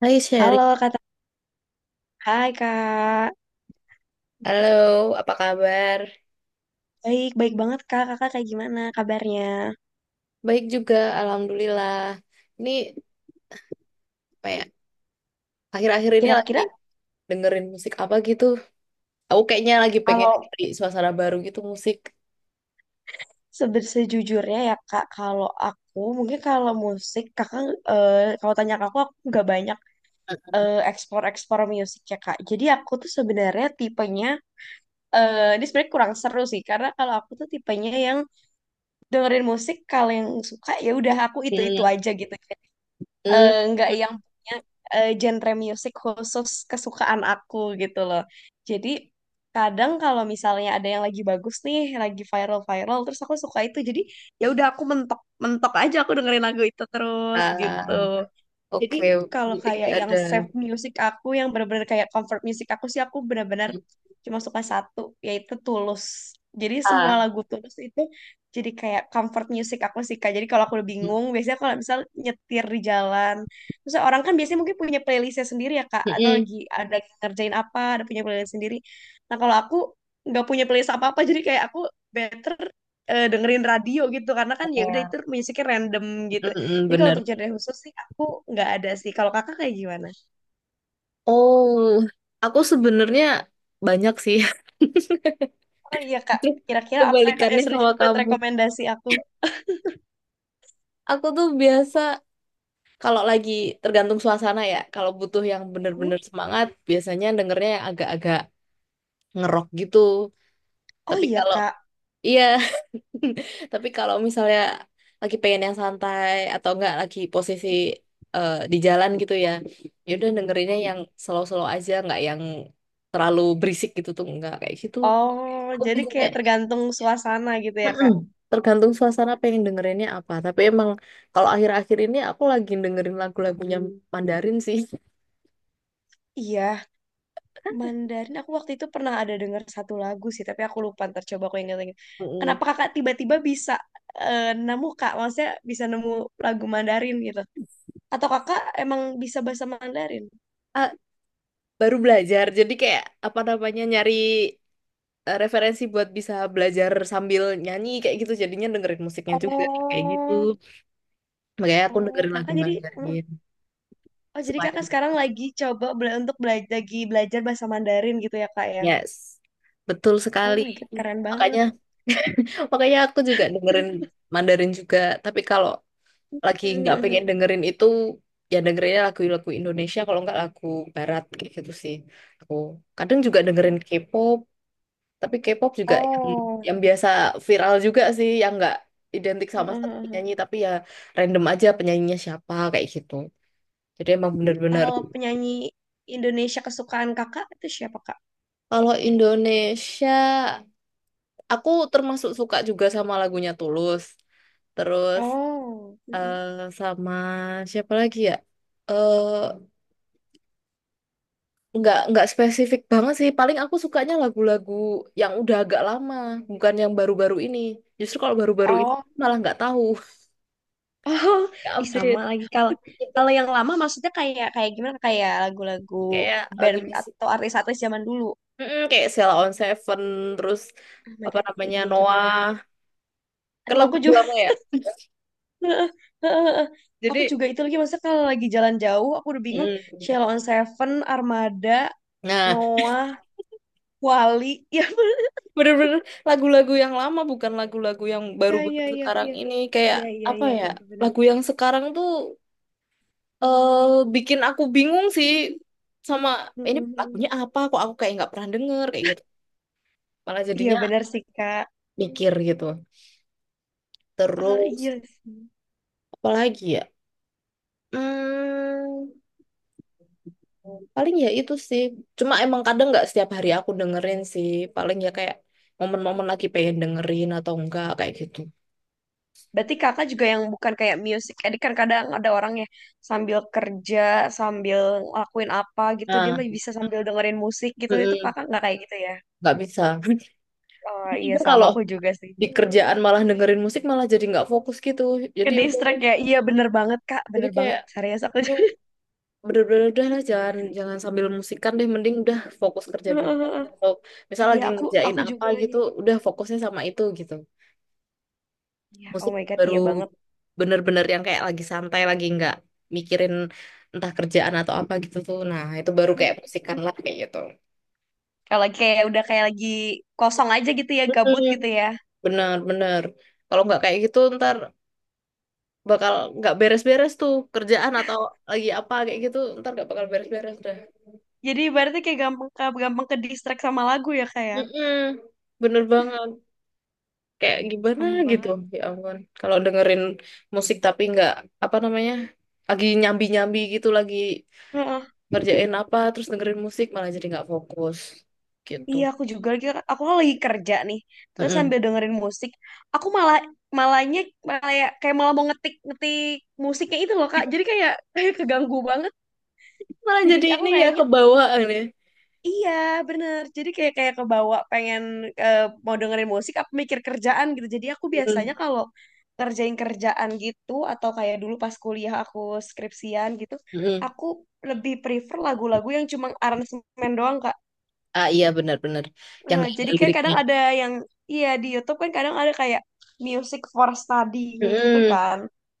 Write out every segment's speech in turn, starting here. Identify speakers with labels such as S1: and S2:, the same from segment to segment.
S1: Hai Sherry.
S2: Halo Kak, hai Kak.
S1: Halo, apa kabar?
S2: Baik, baik banget Kak. Kakak kayak gimana kabarnya?
S1: Baik juga, alhamdulillah. Ini apa ya? Akhir-akhir ini lagi
S2: Kira-kira
S1: dengerin musik apa gitu? Aku kayaknya lagi pengen
S2: kalau
S1: cari suasana baru gitu musik.
S2: sejujurnya ya Kak, kalau aku mungkin kalau musik Kakak kalau tanya ke aku nggak banyak ekspor-ekspor musik ya Kak. Jadi aku tuh sebenarnya tipenya ini sebenarnya kurang seru sih karena kalau aku tuh tipenya yang dengerin musik kalau yang suka ya udah aku itu-itu
S1: Hmm.
S2: aja gitu.
S1: Hmm.
S2: Nggak yang punya genre musik khusus kesukaan aku gitu loh. Jadi kadang kalau misalnya ada yang lagi bagus nih, lagi viral-viral, terus aku suka itu. Jadi ya udah aku mentok mentok aja aku dengerin lagu itu terus
S1: Ah,
S2: gitu. Jadi
S1: oke,
S2: kalau
S1: berarti
S2: kayak
S1: nggak
S2: yang
S1: ada.
S2: save music aku, yang benar-benar kayak comfort music aku sih, aku benar-benar cuma suka satu, yaitu Tulus. Jadi semua
S1: Ah.
S2: lagu Tulus itu jadi kayak comfort music aku sih, Kak. Jadi kalau aku udah bingung, biasanya kalau misal nyetir di jalan, terus orang kan biasanya mungkin punya playlistnya sendiri ya, Kak. Atau
S1: Mm-mm.
S2: lagi ada yang ngerjain apa, ada punya playlist sendiri. Nah kalau aku nggak punya playlist apa-apa, jadi kayak aku better dengerin radio gitu, karena kan
S1: Apa
S2: ya
S1: ya?
S2: udah itu musiknya random gitu
S1: Mm-mm,
S2: jadi kalau
S1: bener.
S2: untuk genre khusus sih aku nggak ada sih. Kalau kakak kayak gimana?
S1: Oh, aku sebenarnya banyak sih.
S2: Oh iya kak, kira-kira apa yang kak
S1: Kebalikannya
S2: yang seru
S1: sama
S2: jadi buat
S1: kamu.
S2: rekomendasi aku?
S1: Aku tuh biasa, kalau lagi tergantung suasana ya, kalau butuh yang
S2: Hmm?
S1: bener-bener semangat, biasanya dengernya yang agak-agak ngerok gitu.
S2: Oh
S1: Tapi
S2: iya
S1: kalau
S2: kak.
S1: iya, tapi kalau misalnya lagi pengen yang santai atau enggak lagi posisi di jalan gitu ya, ya udah dengerinnya yang slow-slow aja, nggak yang terlalu berisik gitu tuh enggak kayak gitu.
S2: Oh,
S1: Aku
S2: jadi
S1: biasanya,
S2: kayak tergantung suasana gitu ya
S1: mm-mm,
S2: kak?
S1: tergantung suasana pengen dengerinnya apa. Tapi emang kalau akhir-akhir ini aku lagi dengerin lagu-lagunya Mandarin sih.
S2: Iya, Mandarin aku waktu itu pernah ada dengar satu lagu sih, tapi aku lupa. Ntar coba aku ingat lagi.
S1: Mm-mm.
S2: Kenapa kakak tiba-tiba bisa nemu kak? Maksudnya bisa nemu lagu Mandarin gitu? Atau kakak emang bisa bahasa Mandarin?
S1: Ah, baru belajar, jadi kayak apa namanya nyari referensi buat bisa belajar sambil nyanyi kayak gitu, jadinya dengerin musiknya juga kayak gitu.
S2: Oh,
S1: Makanya aku
S2: oh
S1: dengerin lagu
S2: kakak jadi
S1: Mandarin
S2: Oh, jadi
S1: selain,
S2: kakak sekarang lagi coba untuk belajar belajar bahasa Mandarin gitu ya kak ya?
S1: yes, betul
S2: Oh
S1: sekali.
S2: my God, keren banget.
S1: Makanya, makanya aku juga dengerin Mandarin juga. Tapi kalau lagi nggak pengen dengerin itu, ya dengerinnya lagu-lagu Indonesia, kalau nggak lagu Barat kayak gitu sih. Aku kadang juga dengerin K-pop. Tapi K-pop juga
S2: Oh,
S1: yang biasa viral juga sih, yang nggak identik sama satu penyanyi, tapi ya random aja penyanyinya siapa kayak gitu. Jadi emang bener-bener.
S2: kalau penyanyi Indonesia kesukaan kakak itu siapa kak?
S1: Kalau Indonesia, aku termasuk suka juga sama lagunya Tulus. Terus
S2: Oh,
S1: eh, sama siapa lagi ya? Eh nggak spesifik banget sih. Paling aku sukanya lagu-lagu yang udah agak lama, bukan yang baru-baru ini. Justru kalau baru-baru ini
S2: oh,
S1: malah nggak tahu,
S2: oh,
S1: nggak
S2: ih sama
S1: update.
S2: lagi kalau kalau yang lama maksudnya kayak kayak gimana kayak lagu-lagu
S1: Kayak
S2: band
S1: lagunya sih,
S2: atau artis-artis zaman dulu.
S1: mm, kayak Sheila on Seven, terus
S2: Oh my
S1: apa
S2: God, itu
S1: namanya
S2: iya juga
S1: Noah,
S2: lagi.
S1: kan
S2: Aduh, aku
S1: lagu-lagu
S2: juga.
S1: lama ya,
S2: Heeh, heeh, heeh.
S1: jadi
S2: Aku juga itu lagi masa kalau lagi jalan jauh aku udah bingung Sheila
S1: mm,
S2: on Seven, Armada,
S1: nah
S2: Noah, Wali.
S1: bener-bener lagu-lagu yang lama, bukan lagu-lagu yang
S2: Ya,
S1: baru-baru
S2: ya, ya, ya,
S1: sekarang
S2: ya.
S1: ini kayak
S2: Iya, iya,
S1: apa
S2: iya,
S1: ya.
S2: iya, benar.
S1: Lagu yang sekarang tuh eh, bikin aku bingung sih sama ini
S2: Mm-mm.
S1: lagunya apa, kok aku kayak nggak pernah denger kayak gitu, malah
S2: Iya,
S1: jadinya
S2: benar sih, Kak.
S1: mikir gitu.
S2: Ah,
S1: Terus
S2: iya sih.
S1: apalagi ya, hmm, paling ya itu sih. Cuma emang kadang nggak setiap hari aku dengerin sih. Paling ya kayak momen-momen lagi pengen dengerin atau enggak kayak gitu.
S2: Berarti Kakak juga yang bukan kayak music edit kan kadang ada orang ya sambil kerja, sambil lakuin apa gitu, dia
S1: Nah,
S2: masih bisa sambil dengerin musik gitu. Itu
S1: mm-mm,
S2: Kakak nggak kayak gitu ya?
S1: nggak bisa.
S2: Oh,
S1: Jadi
S2: iya sama
S1: kalau
S2: aku juga sih.
S1: di kerjaan malah dengerin musik malah jadi nggak fokus gitu.
S2: Ke
S1: Jadi udah deh.
S2: distract ya. Iya, bener banget, Kak.
S1: Jadi
S2: Bener banget.
S1: kayak
S2: Serius aku.
S1: tuh bener-bener udah lah, jangan jangan sambil musikan deh. Mending udah fokus kerja dulu
S2: Heeh,
S1: aja.
S2: heeh.
S1: Atau misal
S2: Iya,
S1: lagi ngerjain
S2: aku
S1: apa
S2: juga lagi.
S1: gitu, udah fokusnya sama itu gitu.
S2: Iya, oh
S1: Musik
S2: my God,
S1: baru
S2: iya banget.
S1: bener-bener yang kayak lagi santai, lagi nggak mikirin entah kerjaan atau apa gitu tuh, nah itu baru kayak musikan lah kayak gitu.
S2: Kalau lagi kayak udah kayak lagi kosong aja gitu ya, gabut
S1: Mm-mm.
S2: gitu ya.
S1: Bener, bener. Kalau nggak kayak gitu, ntar bakal nggak beres-beres tuh kerjaan, atau lagi apa kayak gitu ntar nggak bakal beres-beres dah.
S2: Jadi berarti kayak gampang gampang ke distract sama lagu ya kayak.
S1: Mm-mm. Bener banget. Kayak gimana
S2: Sama
S1: gitu,
S2: banget.
S1: ya ampun, kalau dengerin musik tapi nggak apa namanya lagi nyambi-nyambi gitu, lagi
S2: Heeh.
S1: ngerjain apa terus dengerin musik, malah jadi nggak fokus gitu.
S2: Iya, aku juga lagi aku kan lagi kerja nih. Terus
S1: Mm-mm.
S2: sambil dengerin musik, aku malah malahnya malah ya, kayak malah mau ngetik ngetik musiknya itu loh, Kak. Jadi kayak kayak keganggu banget.
S1: Malah
S2: Jadi
S1: jadi
S2: aku
S1: ini ya,
S2: kayaknya.
S1: kebawaan ya.
S2: Iya, bener. Jadi kayak kayak kebawa pengen eh, mau dengerin musik apa mikir kerjaan gitu. Jadi aku biasanya
S1: Mm-mm.
S2: kalau kerjain kerjaan gitu atau kayak dulu pas kuliah aku skripsian gitu,
S1: Mm-mm.
S2: aku lebih prefer lagu-lagu yang cuma aransemen doang, Kak.
S1: Ah iya, benar-benar, yang
S2: Nah,
S1: nggak ada
S2: jadi kan
S1: liriknya.
S2: kadang ada yang iya di YouTube kan kadang ada kayak music for study kayak gitu
S1: Mm-mm.
S2: kan.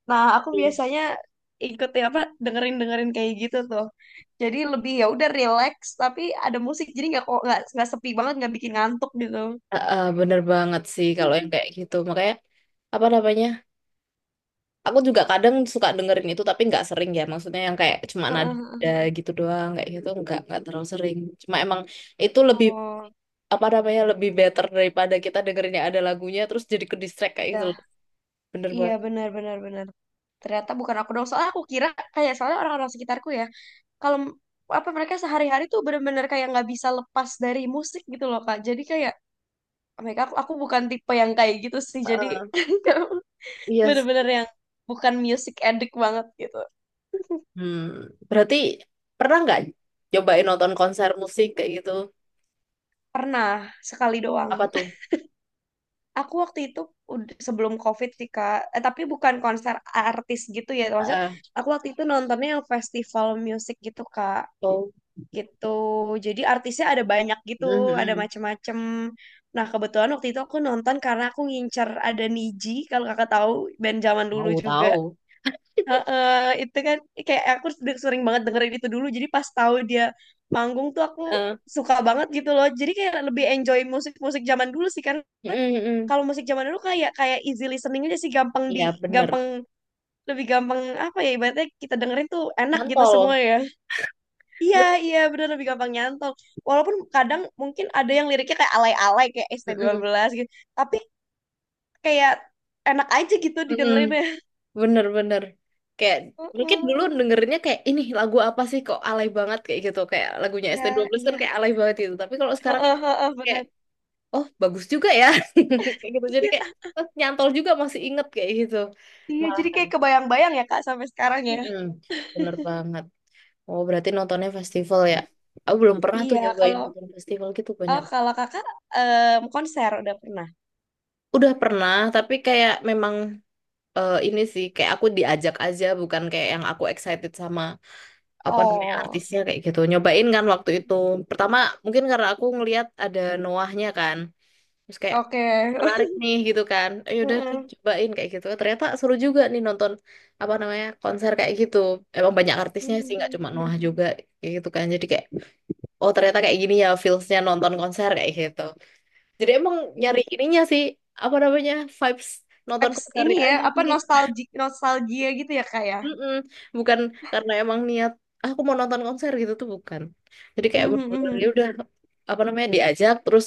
S2: Nah, aku biasanya ikut ya apa dengerin-dengerin kayak gitu tuh. Jadi lebih ya udah relax tapi ada musik jadi nggak kok nggak sepi banget nggak bikin ngantuk gitu.
S1: Ah, ah, bener banget sih kalau yang kayak gitu. Makanya apa namanya aku juga kadang suka dengerin itu tapi nggak sering ya, maksudnya yang kayak cuma nada
S2: Heeh, heeh.
S1: gitu doang kayak gitu, nggak terlalu sering. Cuma emang itu lebih
S2: Oh,
S1: apa namanya lebih better daripada kita dengerin yang ada lagunya terus jadi ke distract kayak gitu loh.
S2: iya.
S1: Bener
S2: Iya
S1: banget.
S2: benar benar benar. Ternyata bukan aku dong. Soalnya aku kira kayak soalnya orang-orang sekitarku ya, kalau apa mereka sehari-hari tuh bener-bener kayak nggak bisa lepas dari musik gitu loh, Kak. Jadi kayak mereka aku, bukan tipe yang kayak gitu sih jadi
S1: Ah, iya sih.
S2: bener-bener yang bukan music addict banget gitu
S1: Hmm, berarti pernah nggak cobain nonton konser musik kayak gitu?
S2: pernah sekali doang
S1: Apa tuh?
S2: aku waktu itu sebelum COVID sih kak tapi bukan konser artis gitu ya maksudnya
S1: Ah,
S2: aku waktu itu nontonnya yang festival musik gitu kak
S1: oh,
S2: gitu jadi artisnya ada banyak gitu
S1: mm,
S2: ada
S1: mm.
S2: macem-macem nah kebetulan waktu itu aku nonton karena aku ngincer ada Niji kalau kakak tahu band zaman dulu
S1: Tahu,
S2: juga.
S1: tahu.
S2: Heeh, itu kan kayak aku sering banget dengerin itu dulu. Jadi pas tahu dia manggung tuh aku
S1: Eh,
S2: suka banget gitu loh. Jadi kayak lebih enjoy musik-musik zaman dulu sih karena
S1: mm, mm.
S2: kalau musik zaman dulu kayak kayak easy listening aja sih gampang di
S1: Iya bener.
S2: gampang gampang apa ya ibaratnya kita dengerin tuh enak gitu semua
S1: Nyantol.
S2: ya. Iya,
S1: Ben-
S2: iya bener lebih gampang nyantol. Walaupun kadang mungkin ada yang liriknya kayak alay-alay kayak s t
S1: mm,
S2: dua
S1: mm.
S2: belas gitu. Tapi kayak enak aja gitu
S1: Mm.
S2: didengerin ya.
S1: Bener, bener. Kayak mungkin dulu
S2: Heeh.
S1: dengernya kayak ini lagu apa sih, kok alay banget kayak gitu, kayak lagunya
S2: Ya,
S1: ST12, kan
S2: iya.
S1: kayak alay banget gitu. Tapi kalau sekarang kan
S2: Heeh, heeh,
S1: kayak
S2: bener.
S1: oh bagus juga ya, kayak gitu. Jadi
S2: Iya,
S1: kayak nyantol juga, masih inget kayak gitu.
S2: iya,
S1: Malah.
S2: jadi kayak kebayang-bayang ya Kak sampai sekarang ya.
S1: Mm-mm. Bener banget. Oh, berarti nontonnya festival ya? Aku belum pernah tuh
S2: Iya,
S1: nyobain
S2: kalau
S1: nonton festival gitu
S2: oh
S1: banyak.
S2: kalau Kakak em, konser udah pernah.
S1: Udah pernah, tapi kayak memang ini sih kayak aku diajak aja, bukan kayak yang aku excited sama apa namanya
S2: Oh,
S1: artisnya kayak gitu. Nyobain kan waktu itu. Pertama mungkin karena aku ngelihat ada Noahnya kan, terus kayak
S2: oke.
S1: menarik nih gitu kan. Ayo udah nih
S2: Heeh.
S1: cobain kayak gitu. Ternyata seru juga nih nonton apa namanya konser kayak gitu. Emang banyak artisnya sih,
S2: Hmm.
S1: nggak cuma
S2: Hmm.
S1: Noah juga kayak gitu kan. Jadi kayak oh ternyata kayak gini ya feelsnya nonton konser kayak gitu. Jadi emang
S2: Iya.
S1: nyari ininya sih, apa namanya, vibes nonton
S2: Vibes ini
S1: konsernya
S2: ya,
S1: aja
S2: apa
S1: sih.
S2: nostalgia nostalgia gitu ya Kak ya.
S1: Mm-mm. Bukan karena emang niat, "Ah, aku mau nonton konser gitu tuh bukan, jadi kayak bener-bener ya udah apa namanya diajak, terus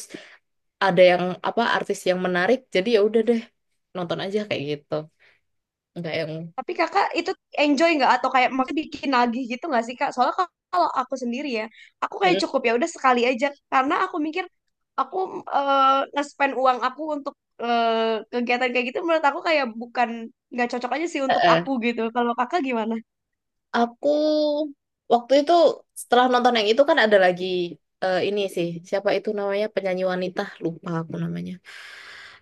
S1: ada yang apa artis yang menarik jadi ya udah deh nonton aja kayak gitu, enggak yang
S2: Tapi kakak itu enjoy nggak atau kayak maksudnya bikin nagih gitu nggak sih kak? Soalnya kalau aku sendiri ya, aku kayak
S1: mm,
S2: cukup ya udah sekali aja karena aku mikir aku nge-spend uang aku untuk eh, kegiatan kayak gitu menurut aku kayak bukan nggak cocok aja sih
S1: eh,
S2: untuk aku
S1: eh.
S2: gitu. Kalau kakak gimana?
S1: Aku waktu itu setelah nonton yang itu kan ada lagi ini sih siapa itu namanya penyanyi wanita, lupa aku namanya.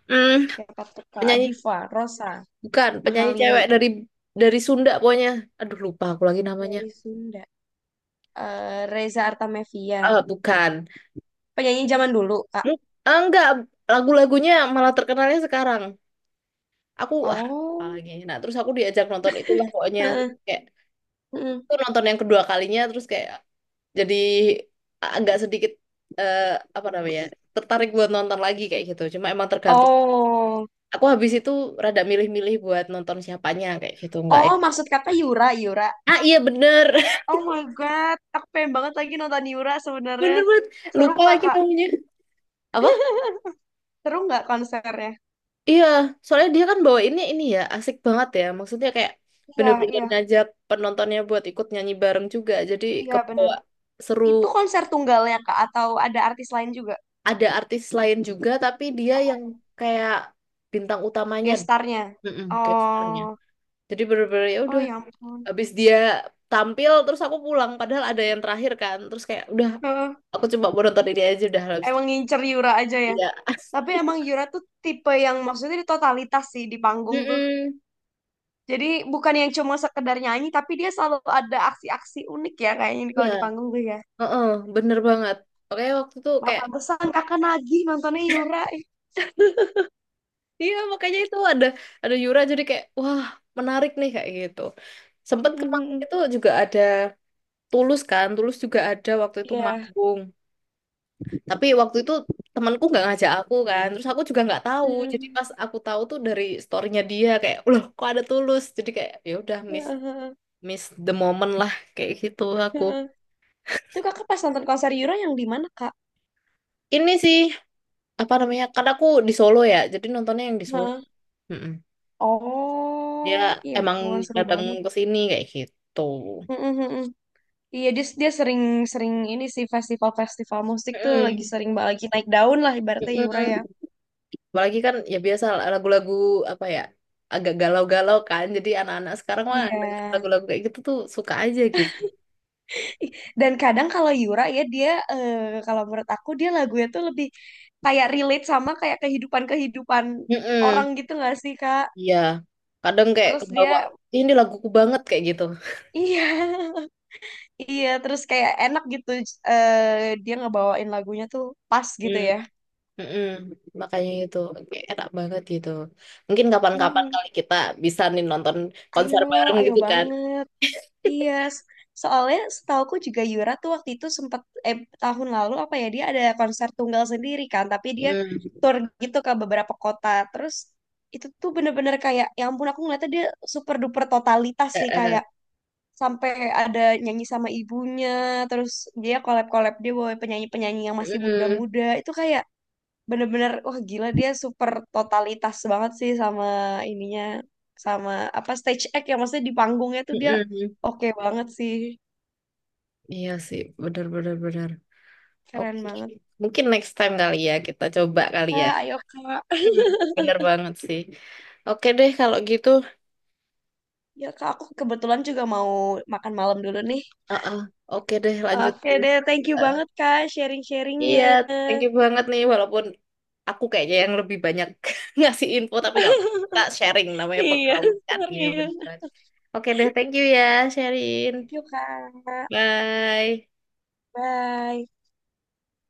S1: Hmm,
S2: Siapa tuh Kak
S1: penyanyi,
S2: Diva, Rosa,
S1: bukan penyanyi
S2: Mahalini
S1: cewek dari Sunda pokoknya. Aduh lupa aku lagi namanya.
S2: dari Sunda. Eh, Reza Artamevia,
S1: Ah, bukan.
S2: penyanyi zaman dulu Kak.
S1: Hmm, ah, enggak, lagu-lagunya malah terkenalnya sekarang. Aku ah apa
S2: Oh,
S1: lagi. Nah, terus aku diajak nonton itulah pokoknya. Terus
S2: heeh,
S1: kayak
S2: heeh.
S1: itu nonton yang kedua kalinya, terus kayak jadi agak sedikit eh, apa namanya? Tertarik buat nonton lagi kayak gitu. Cuma emang tergantung.
S2: Oh,
S1: Aku habis itu rada milih-milih buat nonton siapanya kayak gitu, enggak ya.
S2: oh maksud kakak Yura, Yura.
S1: Ah iya bener,
S2: Oh my God, aku pengen banget lagi nonton Yura sebenarnya.
S1: bener banget.
S2: Seru
S1: Lupa
S2: nggak
S1: lagi
S2: Kak?
S1: namanya. Apa?
S2: Seru nggak konsernya?
S1: Iya, soalnya dia kan bawainnya ini ya, asik banget ya. Maksudnya kayak
S2: Iya,
S1: bener-bener
S2: iya,
S1: ngajak penontonnya buat ikut nyanyi bareng juga. Jadi
S2: iya bener.
S1: kebawa seru.
S2: Itu konser tunggalnya Kak atau ada artis lain juga?
S1: Ada artis lain juga, tapi dia yang kayak bintang utamanya,
S2: Gestarnya?
S1: mm-mm, kayak starnya.
S2: Oh,
S1: Jadi bener-bener ya
S2: oh
S1: udah,
S2: ya ampun.
S1: habis dia tampil terus aku pulang. Padahal ada yang terakhir kan, terus kayak udah
S2: Heeh,
S1: aku coba mau nonton ini aja udah habis itu.
S2: emang ngincer Yura aja ya.
S1: Iya,
S2: Tapi emang Yura tuh tipe yang maksudnya di totalitas sih di panggung tuh.
S1: mm-mm.
S2: Jadi bukan yang cuma sekedar nyanyi, tapi dia selalu ada aksi-aksi unik ya kayaknya
S1: Iya,
S2: kalau di panggung tuh ya.
S1: heeh, bener banget. Oke, waktu itu
S2: Nah,
S1: kayak
S2: pantesan kakak nagih nontonnya Yura.
S1: iya, makanya itu ada Yura jadi kayak wah, menarik nih kayak gitu. Sempet kemarin itu juga ada Tulus kan, Tulus juga ada waktu itu
S2: Iya.
S1: manggung. Tapi waktu itu temanku nggak ngajak aku kan, terus aku juga nggak tahu. Jadi
S2: Hmm.
S1: pas aku tahu tuh dari storynya dia kayak, "Loh kok ada Tulus?" Jadi kayak ya udah miss,
S2: Heeh,
S1: miss the moment lah kayak gitu aku.
S2: heeh. Itu kakak pas nonton konser Euro yang di mana, Kak?
S1: Ini sih apa namanya? Karena aku di Solo ya, jadi nontonnya yang di Solo.
S2: Hah?
S1: Mm-mm. Dia
S2: Oh, iya
S1: emang
S2: ampun, seru
S1: datang
S2: banget.
S1: ke sini kayak gitu.
S2: Mm, mm, mm, mm. Iya, dia sering sering ini sih festival-festival musik tuh lagi
S1: Mm-mm.
S2: sering lagi naik daun lah ibaratnya Yura ya.
S1: Mm-mm. Apalagi kan ya biasa lagu-lagu apa ya agak galau-galau kan. Jadi anak-anak sekarang mah
S2: Iya.
S1: denger lagu-lagu kayak gitu tuh suka aja gitu.
S2: Ih, dan kadang kalau Yura ya dia kalau menurut aku dia lagunya tuh lebih kayak relate sama kayak kehidupan-kehidupan orang
S1: Mm-mm.
S2: gitu nggak sih, Kak?
S1: Iya. Kadang kayak
S2: Terus
S1: kebawa
S2: dia
S1: ini laguku banget kayak gitu.
S2: iya. Iya, terus kayak enak gitu dia ngebawain lagunya tuh pas gitu
S1: Hmm.
S2: ya.
S1: Mm-mm. Makanya itu kayak enak banget gitu. Mungkin kapan-kapan
S2: Mm-mm.
S1: kali kita bisa nih nonton
S2: Ayo,
S1: konser bareng
S2: ayo
S1: gitu kan.
S2: banget. Iya, soalnya setauku juga Yura tuh waktu itu sempat eh, tahun lalu apa ya dia ada konser tunggal sendiri kan, tapi dia
S1: Hmm.
S2: tour gitu ke beberapa kota. Terus itu tuh bener-bener kayak, ya ampun aku ngeliatnya dia super duper totalitas
S1: Eh,
S2: sih
S1: eh.
S2: kayak sampai ada nyanyi sama ibunya, terus dia collab-collab dia bawa penyanyi-penyanyi yang masih
S1: Mm-mm.
S2: muda-muda. Itu kayak bener-bener wah gila dia super totalitas banget sih sama ininya sama apa stage act ya maksudnya di panggungnya tuh dia
S1: Mm-mm.
S2: oke banget sih
S1: Iya sih, benar-benar, benar, benar, benar.
S2: keren
S1: Oke,
S2: banget.
S1: mungkin next time kali ya kita coba kali ya.
S2: Kak, ayo kak
S1: Hmm, bener banget sih. Oke deh kalau gitu.
S2: ya kak aku kebetulan juga mau makan malam dulu nih
S1: Uh-uh. Oke deh lanjut.
S2: oke deh thank you
S1: Uh,
S2: banget kak sharing-sharingnya
S1: iya, thank you banget nih. Walaupun aku kayaknya yang lebih banyak ngasih info, tapi gak, kita sharing namanya
S2: iya
S1: pengalaman kan. Iya bener
S2: serius
S1: banget. Oke deh, thank you ya, Sherin.
S2: thank you kak
S1: Bye.
S2: bye